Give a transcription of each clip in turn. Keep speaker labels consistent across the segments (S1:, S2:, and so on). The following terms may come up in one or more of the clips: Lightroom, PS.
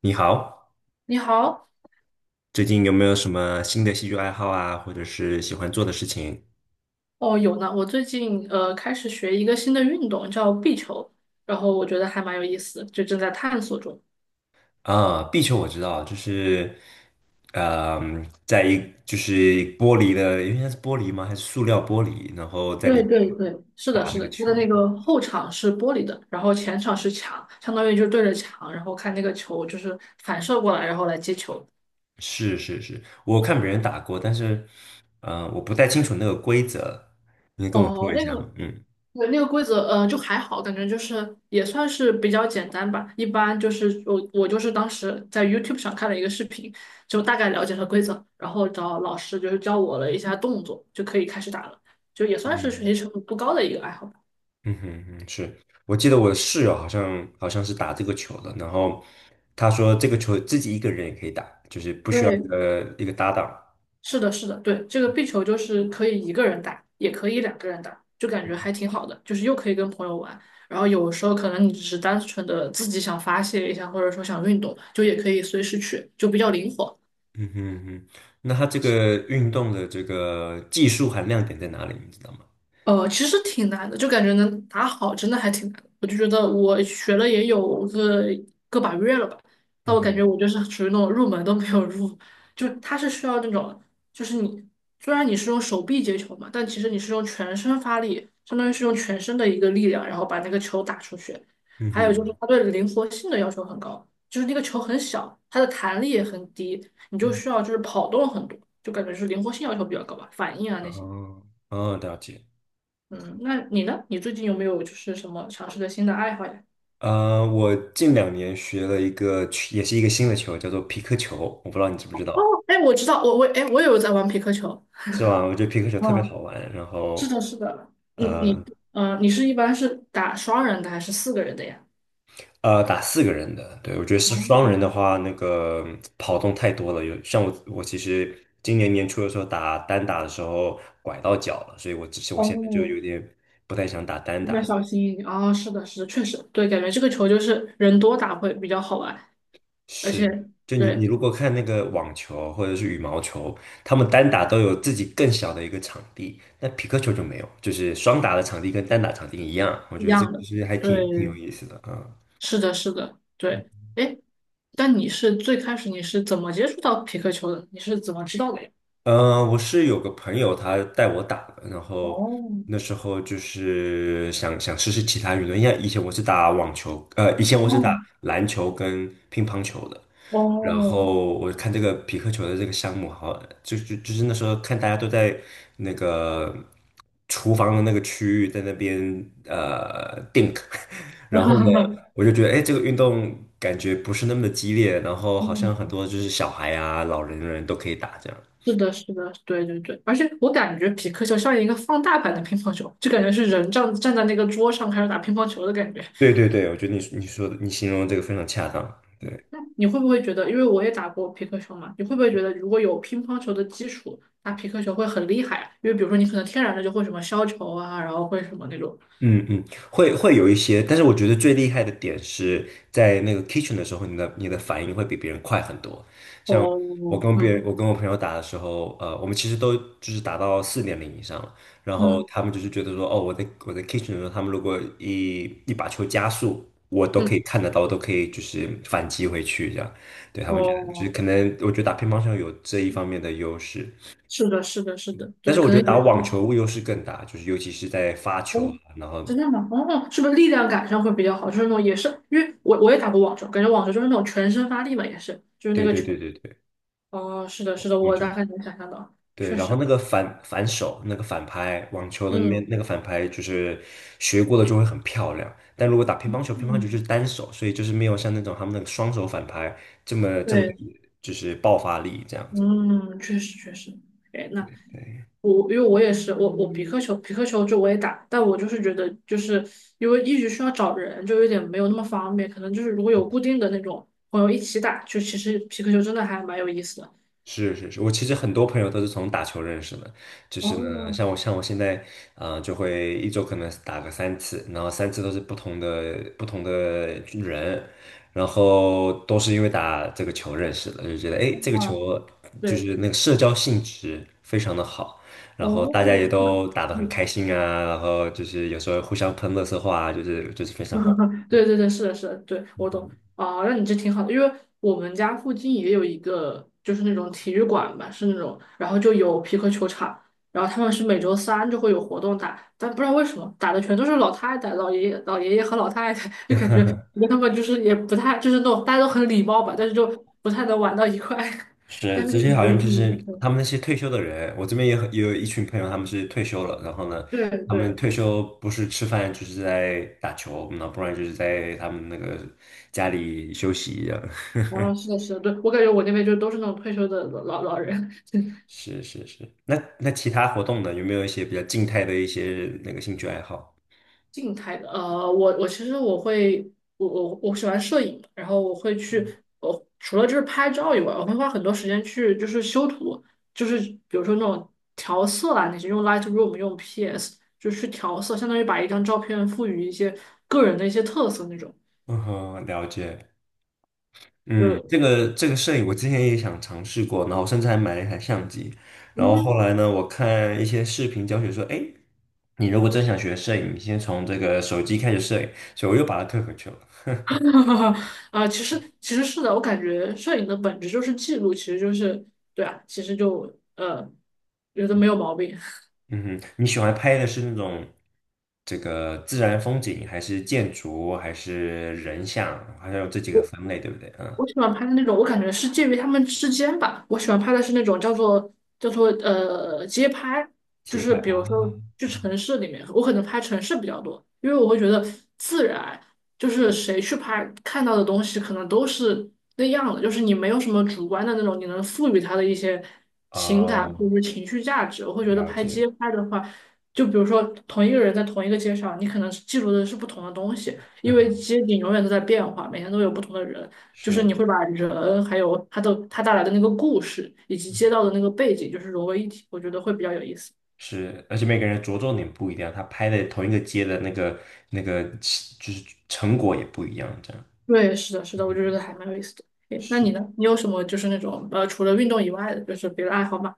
S1: 你好，
S2: 你好，
S1: 最近有没有什么新的兴趣爱好啊，或者是喜欢做的事情？
S2: 哦，有呢。我最近开始学一个新的运动，叫壁球，然后我觉得还蛮有意思，就正在探索中。
S1: 啊，壁球我知道，就是，嗯，在一就是玻璃的，因为它是玻璃吗？还是塑料玻璃？然后在里
S2: 对对
S1: 面
S2: 对，是的，
S1: 打
S2: 是
S1: 那个
S2: 的，它的
S1: 球。
S2: 那个后场是玻璃的，然后前场是墙，相当于就对着墙，然后看那个球就是反射过来，然后来接球。
S1: 是是是，我看别人打过，但是，我不太清楚那个规则，你跟我
S2: 哦，
S1: 说一
S2: 那
S1: 下
S2: 个
S1: 吗？嗯
S2: 对，那个规则，就还好，感觉就是也算是比较简单吧。一般就是我就是当时在 YouTube 上看了一个视频，就大概了解了规则，然后找老师就是教我了一下动作，就可以开始打了，就也算是
S1: 嗯
S2: 学习成本不高的一个爱好吧。
S1: 嗯哼嗯，是我记得我的室友好像是打这个球的，然后他说这个球自己一个人也可以打，就是不需要一
S2: 对，
S1: 个一个搭档。
S2: 是的，是的，对，这个壁球就是可以一个人打，也可以两个人打，就感觉还挺好的，就是又可以跟朋友玩，然后有时候可能你只是单纯的自己想发泄一下，或者说想运动，就也可以随时去，就比较灵活。
S1: 嗯哼嗯哼，那他这个运动的这个技术含量点在哪里，你知道吗？
S2: 其实挺难的，就感觉能打好真的还挺难的。我就觉得我学了也有个个把月了吧，但
S1: 嗯
S2: 我感觉
S1: 哼
S2: 我就是属于那种入门都没有入，就是它是需要那种，就是你虽然你是用手臂接球嘛，但其实你是用全身发力，相当于是用全身的一个力量，然后把那个球打出去。
S1: 嗯
S2: 还有就
S1: 哼，
S2: 是它对灵活性的要求很高，就是那个球很小，它的弹力也很低，你就需
S1: 嗯
S2: 要就是跑动很多，就感觉是灵活性要求比较高吧，反应啊那些。
S1: 哦哦，了解。
S2: 嗯，那你呢？你最近有没有就是什么尝试的新的爱好呀？
S1: 我近2年学了一个球也是一个新的球，叫做皮克球，我不知道你知不知道，
S2: 哎，我知道，我哎，我也有在玩皮克球。
S1: 是吧？我觉得皮克球特别
S2: 嗯，
S1: 好玩，然
S2: 是
S1: 后。
S2: 的，是的。你
S1: 呃。
S2: 你嗯，你是一般是打双人的还是四个人的呀？
S1: 打四个人的，对，我觉得是
S2: 啊，
S1: 双人的话，那个跑动太多了。有像我，我其实今年年初的时候打单打的时候拐到脚了，所以我只是我现在就
S2: 哦，
S1: 有点不太想打单
S2: 应该
S1: 打。
S2: 小心一点。哦，是的，是的，确实，对，感觉这个球就是人多打会比较好玩，而
S1: 是，
S2: 且
S1: 就你
S2: 对
S1: 如果看那个网球或者是羽毛球，他们单打都有自己更小的一个场地，那匹克球就没有，就是双打的场地跟单打场地一样。我
S2: 一
S1: 觉得这个
S2: 样
S1: 其
S2: 的，
S1: 实还
S2: 对，
S1: 挺挺有意思的啊。
S2: 是的，是的，对。哎，但你是最开始你是怎么接触到皮克球的？你是怎么知道的呀？
S1: 我是有个朋友他带我打的，然后
S2: 哦，
S1: 那时候就是想想试试其他运动，因为以前我是打网球，以前我是
S2: 哦，
S1: 打篮球跟乒乓球的，然
S2: 哦，
S1: 后我看这个匹克球的这个项目好，就是那时候看大家都在那个厨房的那个区域在那边tink 然后呢，我就觉得哎，诶这个运动感觉不是那么的激烈，然后好像
S2: 嗯，
S1: 很多就是小孩啊、老人人都可以打这样。
S2: 是的，是的，对对对，而且我感觉匹克球像一个放大版的乒乓球，就感觉是人站在那个桌上开始打乒乓球的感觉。
S1: 对对对，我觉得你说的你形容的这个非常恰当。对，
S2: 那你会不会觉得，因为我也打过匹克球嘛，你会不会觉得如果有乒乓球的基础，打匹克球会很厉害啊？因为比如说你可能天然的就会什么削球啊，然后会什么那种。
S1: 嗯嗯，会有一些，但是我觉得最厉害的点是在那个 kitchen 的时候，你的反应会比别人快很多。
S2: 哦，
S1: 我跟别人，
S2: 嗯
S1: 我跟我朋友打的时候，我们其实都就是打到4.0以上了，然后
S2: 嗯
S1: 他们就是觉得说，哦，我在 kitchen 的时候，他们如果一把球加速，我都
S2: 嗯，
S1: 可以看得到，我都可以就是反击回去这样。对，他们觉得就是
S2: 哦，
S1: 可能，我觉得打乒乓球有这一方面的优势。
S2: 是的，是的，是的，
S1: 但
S2: 对，
S1: 是我
S2: 可
S1: 觉
S2: 能
S1: 得打
S2: 也是。
S1: 网球优势更大，就是尤其是在发球啊
S2: 哦，
S1: 然后
S2: 真的吗？哦，是不是力量感上会比较好？就是那种也是，因为我也打过网球，感觉网球就是那种全身发力嘛，也是，就是那
S1: 对
S2: 个
S1: 对对
S2: 球。
S1: 对对，
S2: 哦，是的，是的，
S1: 网
S2: 我
S1: 球
S2: 大概能想象到，
S1: 对，
S2: 确
S1: 然后
S2: 实，
S1: 那个反手那个反拍，网球的那边
S2: 嗯
S1: 那个反拍就是学过了就会很漂亮，但如果打乒乓球，乒乓球就
S2: 嗯，
S1: 是单手，所以就是没有像那种他们那个双手反拍这么的
S2: 对，
S1: 就是爆发力这样子。
S2: 嗯，确实确实。哎，那我因为我也是，我我皮克球就我也打，但我就是觉得就是因为一直需要找人，就有点没有那么方便，可能就是如果有固定的那种朋友一起打，就其实皮克球真的还蛮有意思的。
S1: 是是是，我其实很多朋友都是从打球认识的，就是呢，
S2: 哦，
S1: 像我现在啊、就会一周可能打个三次，然后三次都是不同的人，然后都是因为打这个球认识的，就觉得诶这个球
S2: 哇。
S1: 就
S2: 对，
S1: 是那个社交性质非常的好，然后大家
S2: 哦，
S1: 也
S2: 是吗？
S1: 都打得很
S2: 嗯，
S1: 开心啊，然后就是有时候互相喷乐色话啊，就是非常好玩。
S2: 对
S1: 对，
S2: 对对，是的，是的，对，
S1: 嗯
S2: 我懂。
S1: 嗯
S2: 啊，那你这挺好的，因为我们家附近也有一个，就是那种体育馆吧，是那种，然后就有皮克球场，然后他们是每周三就会有活动打，但不知道为什么打的全都是老太太、老爷爷、老爷爷和老太太，就感觉跟他们就是也不太，就是那种大家都很礼貌吧，但是就不太能玩到一块，但
S1: 是，
S2: 是
S1: 这些好
S2: 也
S1: 像就
S2: 挺
S1: 是他们那些退休的人，我这边也有一群朋友，他们是退休了，然后呢，
S2: 对
S1: 他们
S2: 对。
S1: 退休不是吃饭就是在打球，那不然就是在他们那个家里休息一样。
S2: 啊，是的，是的，对，我感觉我那边就都是那种退休的老人。
S1: 是是是，那其他活动呢？有没有一些比较静态的一些那个兴趣爱好？
S2: 静态的，我我其实我会，我我喜欢摄影，然后我会去，我除了就是拍照以外，我会花很多时间去就是修图，就是比如说那种调色啊，那些用 Lightroom 用 PS 就是去调色，相当于把一张照片赋予一些个人的一些特色那种，
S1: 嗯哼，了解。嗯，
S2: 就
S1: 这个摄影我之前也想尝试过，然后甚至还买了一台相机，然后
S2: 嗯
S1: 后来呢，我看一些视频教学说，哎，你如果真想学摄影，你先从这个手机开始摄影，所以我又把它退回去了。
S2: 哼，啊，其实其实是的，我感觉摄影的本质就是记录，其实就是对啊，其实就呃，觉得没有毛病。我。
S1: 嗯哼，你喜欢拍的是那种这个自然风景，还是建筑，还是人像，好像有这几个分类，对不对？嗯，
S2: 我喜欢拍的那种，我感觉是介于他们之间吧。我喜欢拍的是那种叫做街拍，就
S1: 街
S2: 是
S1: 拍
S2: 比如说
S1: 啊，
S2: 去城市里面，我可能拍城市比较多，因为我会觉得自然，就是谁去拍看到的东西可能都是那样的，就是你没有什么主观的那种，你能赋予它的一些情感
S1: 哦，
S2: 或者是情绪价值。我会觉得
S1: 了
S2: 拍
S1: 解，
S2: 街拍的话，就比如说同一个人在同一个街上，你可能记录的是不同的东西，因为
S1: 嗯，
S2: 街景永远都在变化，每天都有不同的人。就是你
S1: 是
S2: 会把人还有他的他带来的那个故事以及街道的那个背景，就是融为一体，我觉得会比较有意思。
S1: 是，而且每个人着重点不一样，他拍的同一个街的那个就是成果也不一样，这样
S2: 对，是的，是的，我就觉得还蛮有意思的。诶，那
S1: 是。
S2: 你呢？你有什么就是那种除了运动以外的，就是别的爱好吗？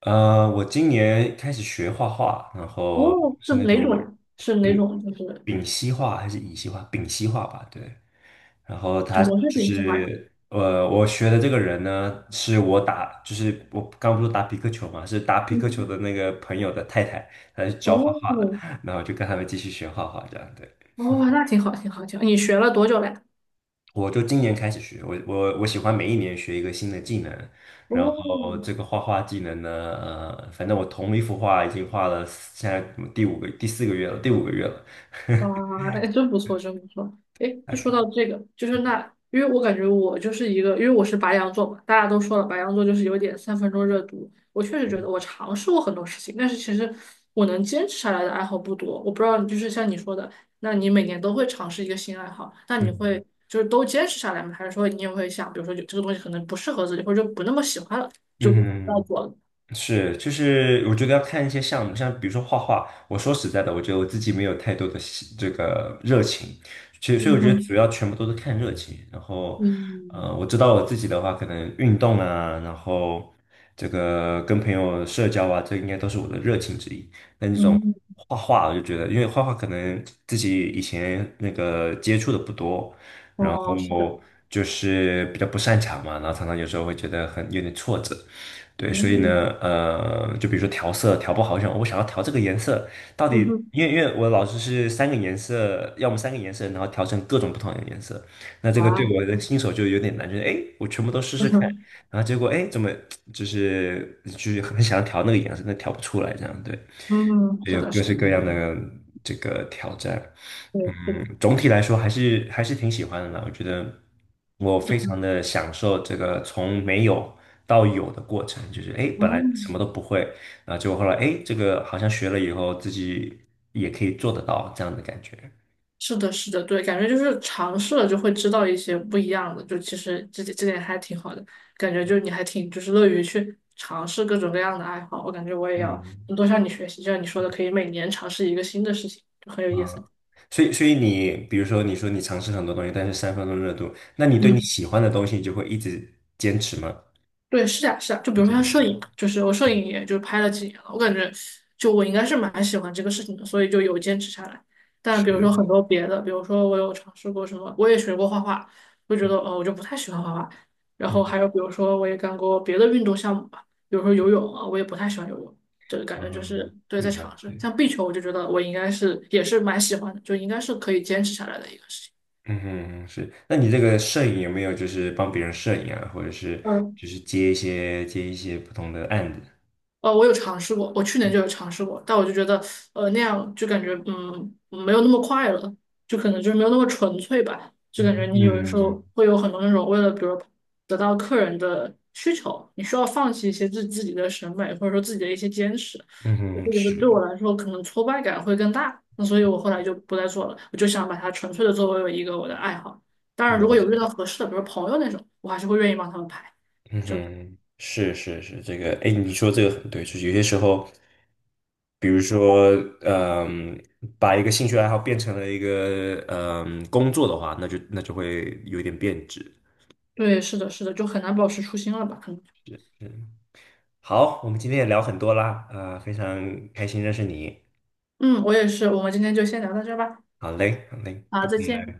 S1: 我今年开始学画画，然后
S2: 哦，是
S1: 是那
S2: 哪种
S1: 种。
S2: 呀？是哪
S1: 嗯。
S2: 种？就是
S1: 丙烯画还是乙烯画？丙烯画吧，对。
S2: 什么是你喜欢呀？
S1: 我学的这个人呢，是我打，就是我刚不是打匹克球嘛，是打匹克球
S2: 嗯，
S1: 的那个朋友的太太，她是教画画的，
S2: 哦，
S1: 然后就跟他们继续学画画这样。对，
S2: 哦，那挺好，挺好，挺好。你学了多久了呀？
S1: 我就今年开始学，我喜欢每一年学一个新的技能，然后
S2: 哦，
S1: 这个画画技能呢，反正我同一幅画已经画了，现在第五个第四个月了，第五个月了，
S2: 哇，哎，真不错，真不错。哎，
S1: 大
S2: 就说
S1: 概
S2: 到这个，就是那，因为我感觉我就是一个，因为我是白羊座嘛，大家都说了，白羊座就是有点三分钟热度。我确实觉得我尝试过很多事情，但是其实我能坚持下来的爱好不多。我不知道，就是像你说的，那你每年都会尝试一个新爱好，那你会
S1: 嗯
S2: 就是都坚持下来吗？还是说你也会想，比如说有这个东西可能不适合自己，或者就不那么喜欢了，就不要
S1: 嗯
S2: 做了？
S1: 哼是，就是我觉得要看一些项目，像比如说画画。我说实在的，我觉得我自己没有太多的这个热情，其实所以
S2: 嗯
S1: 我觉得主
S2: 哼，
S1: 要全部都是看热情。然后，
S2: 嗯
S1: 我知道我自己的话，可能运动啊，然后这个跟朋友社交啊，这应该都是我的热情之一。但这种
S2: 嗯，
S1: 画画，我就觉得，因为画画可能自己以前那个接触的不多，
S2: 哦，是的，
S1: 后就是比较不擅长嘛，然后常常有时候会觉得很有点挫折，对，所以呢，
S2: 嗯
S1: 就比如说调色调不好，我想要调这个颜色，到底
S2: 嗯哼，
S1: 因为我老师是三个颜色，要么三个颜色，然后调成各种不同的颜色，那这个对我
S2: 啊。
S1: 的新手就有点难，就是哎，诶我全部都试试看，然后结果哎，诶怎么就是很想调那个颜色，但调不出来，这样对，
S2: 嗯，是
S1: 有
S2: 的，
S1: 各
S2: 是
S1: 式
S2: 的，
S1: 各样
S2: 嗯
S1: 的这个挑战。嗯，
S2: 对，是的，
S1: 总体来说还是挺喜欢的啦。我觉得我非常的享受这个从没有到有的过程，就是哎，诶本来什么
S2: 嗯，
S1: 都不会，然后结果后来哎，诶这个好像学了以后自己也可以做得到这样的感觉。
S2: 是的，是的，对，感觉就是尝试了就会知道一些不一样的，就其实这点还挺好的，感觉就你还挺就是乐于去尝试各种各样的爱好，我感觉我也要
S1: 嗯。
S2: 多向你学习，就像你说的，可以每年尝试一个新的事情，就很有
S1: 嗯，
S2: 意思。
S1: 所以你比如说你说你尝试很多东西，但是三分钟热度，那你对你
S2: 嗯。
S1: 喜欢的东西，你就会一直坚持吗？
S2: 对，是的，是的，就比
S1: 一
S2: 如说
S1: 直
S2: 像摄影，就是我摄影也就拍了几年了，我感觉就我应该是蛮喜欢这个事情的，所以就有坚持下来。但比如说
S1: 是，
S2: 很多别的，比如说我有尝试过什么，我也学过画画，我觉得我就不太喜欢画画。然
S1: 嗯
S2: 后还有比如说我也干过别的运动项目吧，比如说游泳啊，我也不太喜欢游泳，就感觉就
S1: 嗯，
S2: 是对在
S1: 嗯了
S2: 尝试。
S1: 解，
S2: 像壁球，我就觉得我应该是也是蛮喜欢的，就应该是可以坚持下来的一个事情。
S1: 嗯哼，是。那你这个摄影有没有就是帮别人摄影啊，或者是
S2: 嗯。
S1: 就是接一些不同的案子？
S2: 我有尝试过，我去年就有尝试过，但我就觉得，那样就感觉，嗯，没有那么快乐，就可能就是没有那么纯粹吧，就感觉
S1: 嗯
S2: 你有的时候
S1: 嗯
S2: 会有很多那种为了，比如得到客人的需求，你需要放弃一些自己的审美，或者说自己的一些坚持。
S1: 嗯
S2: 我
S1: 哼，
S2: 会觉得对我
S1: 是
S2: 来说，可能挫败感会更大，那所以我后来就不再做了，我就想把它纯粹的作为一个我的爱好。当然，如果
S1: 了
S2: 有
S1: 解。
S2: 遇到合适的，比如朋友那种，我还是会愿意帮他们排。
S1: 嗯哼，是是是，这个，哎，你说这个很对，就是有些时候，比如说，嗯，把一个兴趣爱好变成了一个工作的话，那就会有点变质。
S2: 对，是的，是的，就很难保持初心了吧？可能。
S1: 嗯，好，我们今天也聊很多啦，啊、非常开心认识你。
S2: 嗯，我也是，我们今天就先聊到这儿吧。
S1: 好嘞，好嘞，
S2: 好，
S1: 拜
S2: 再
S1: 拜
S2: 见。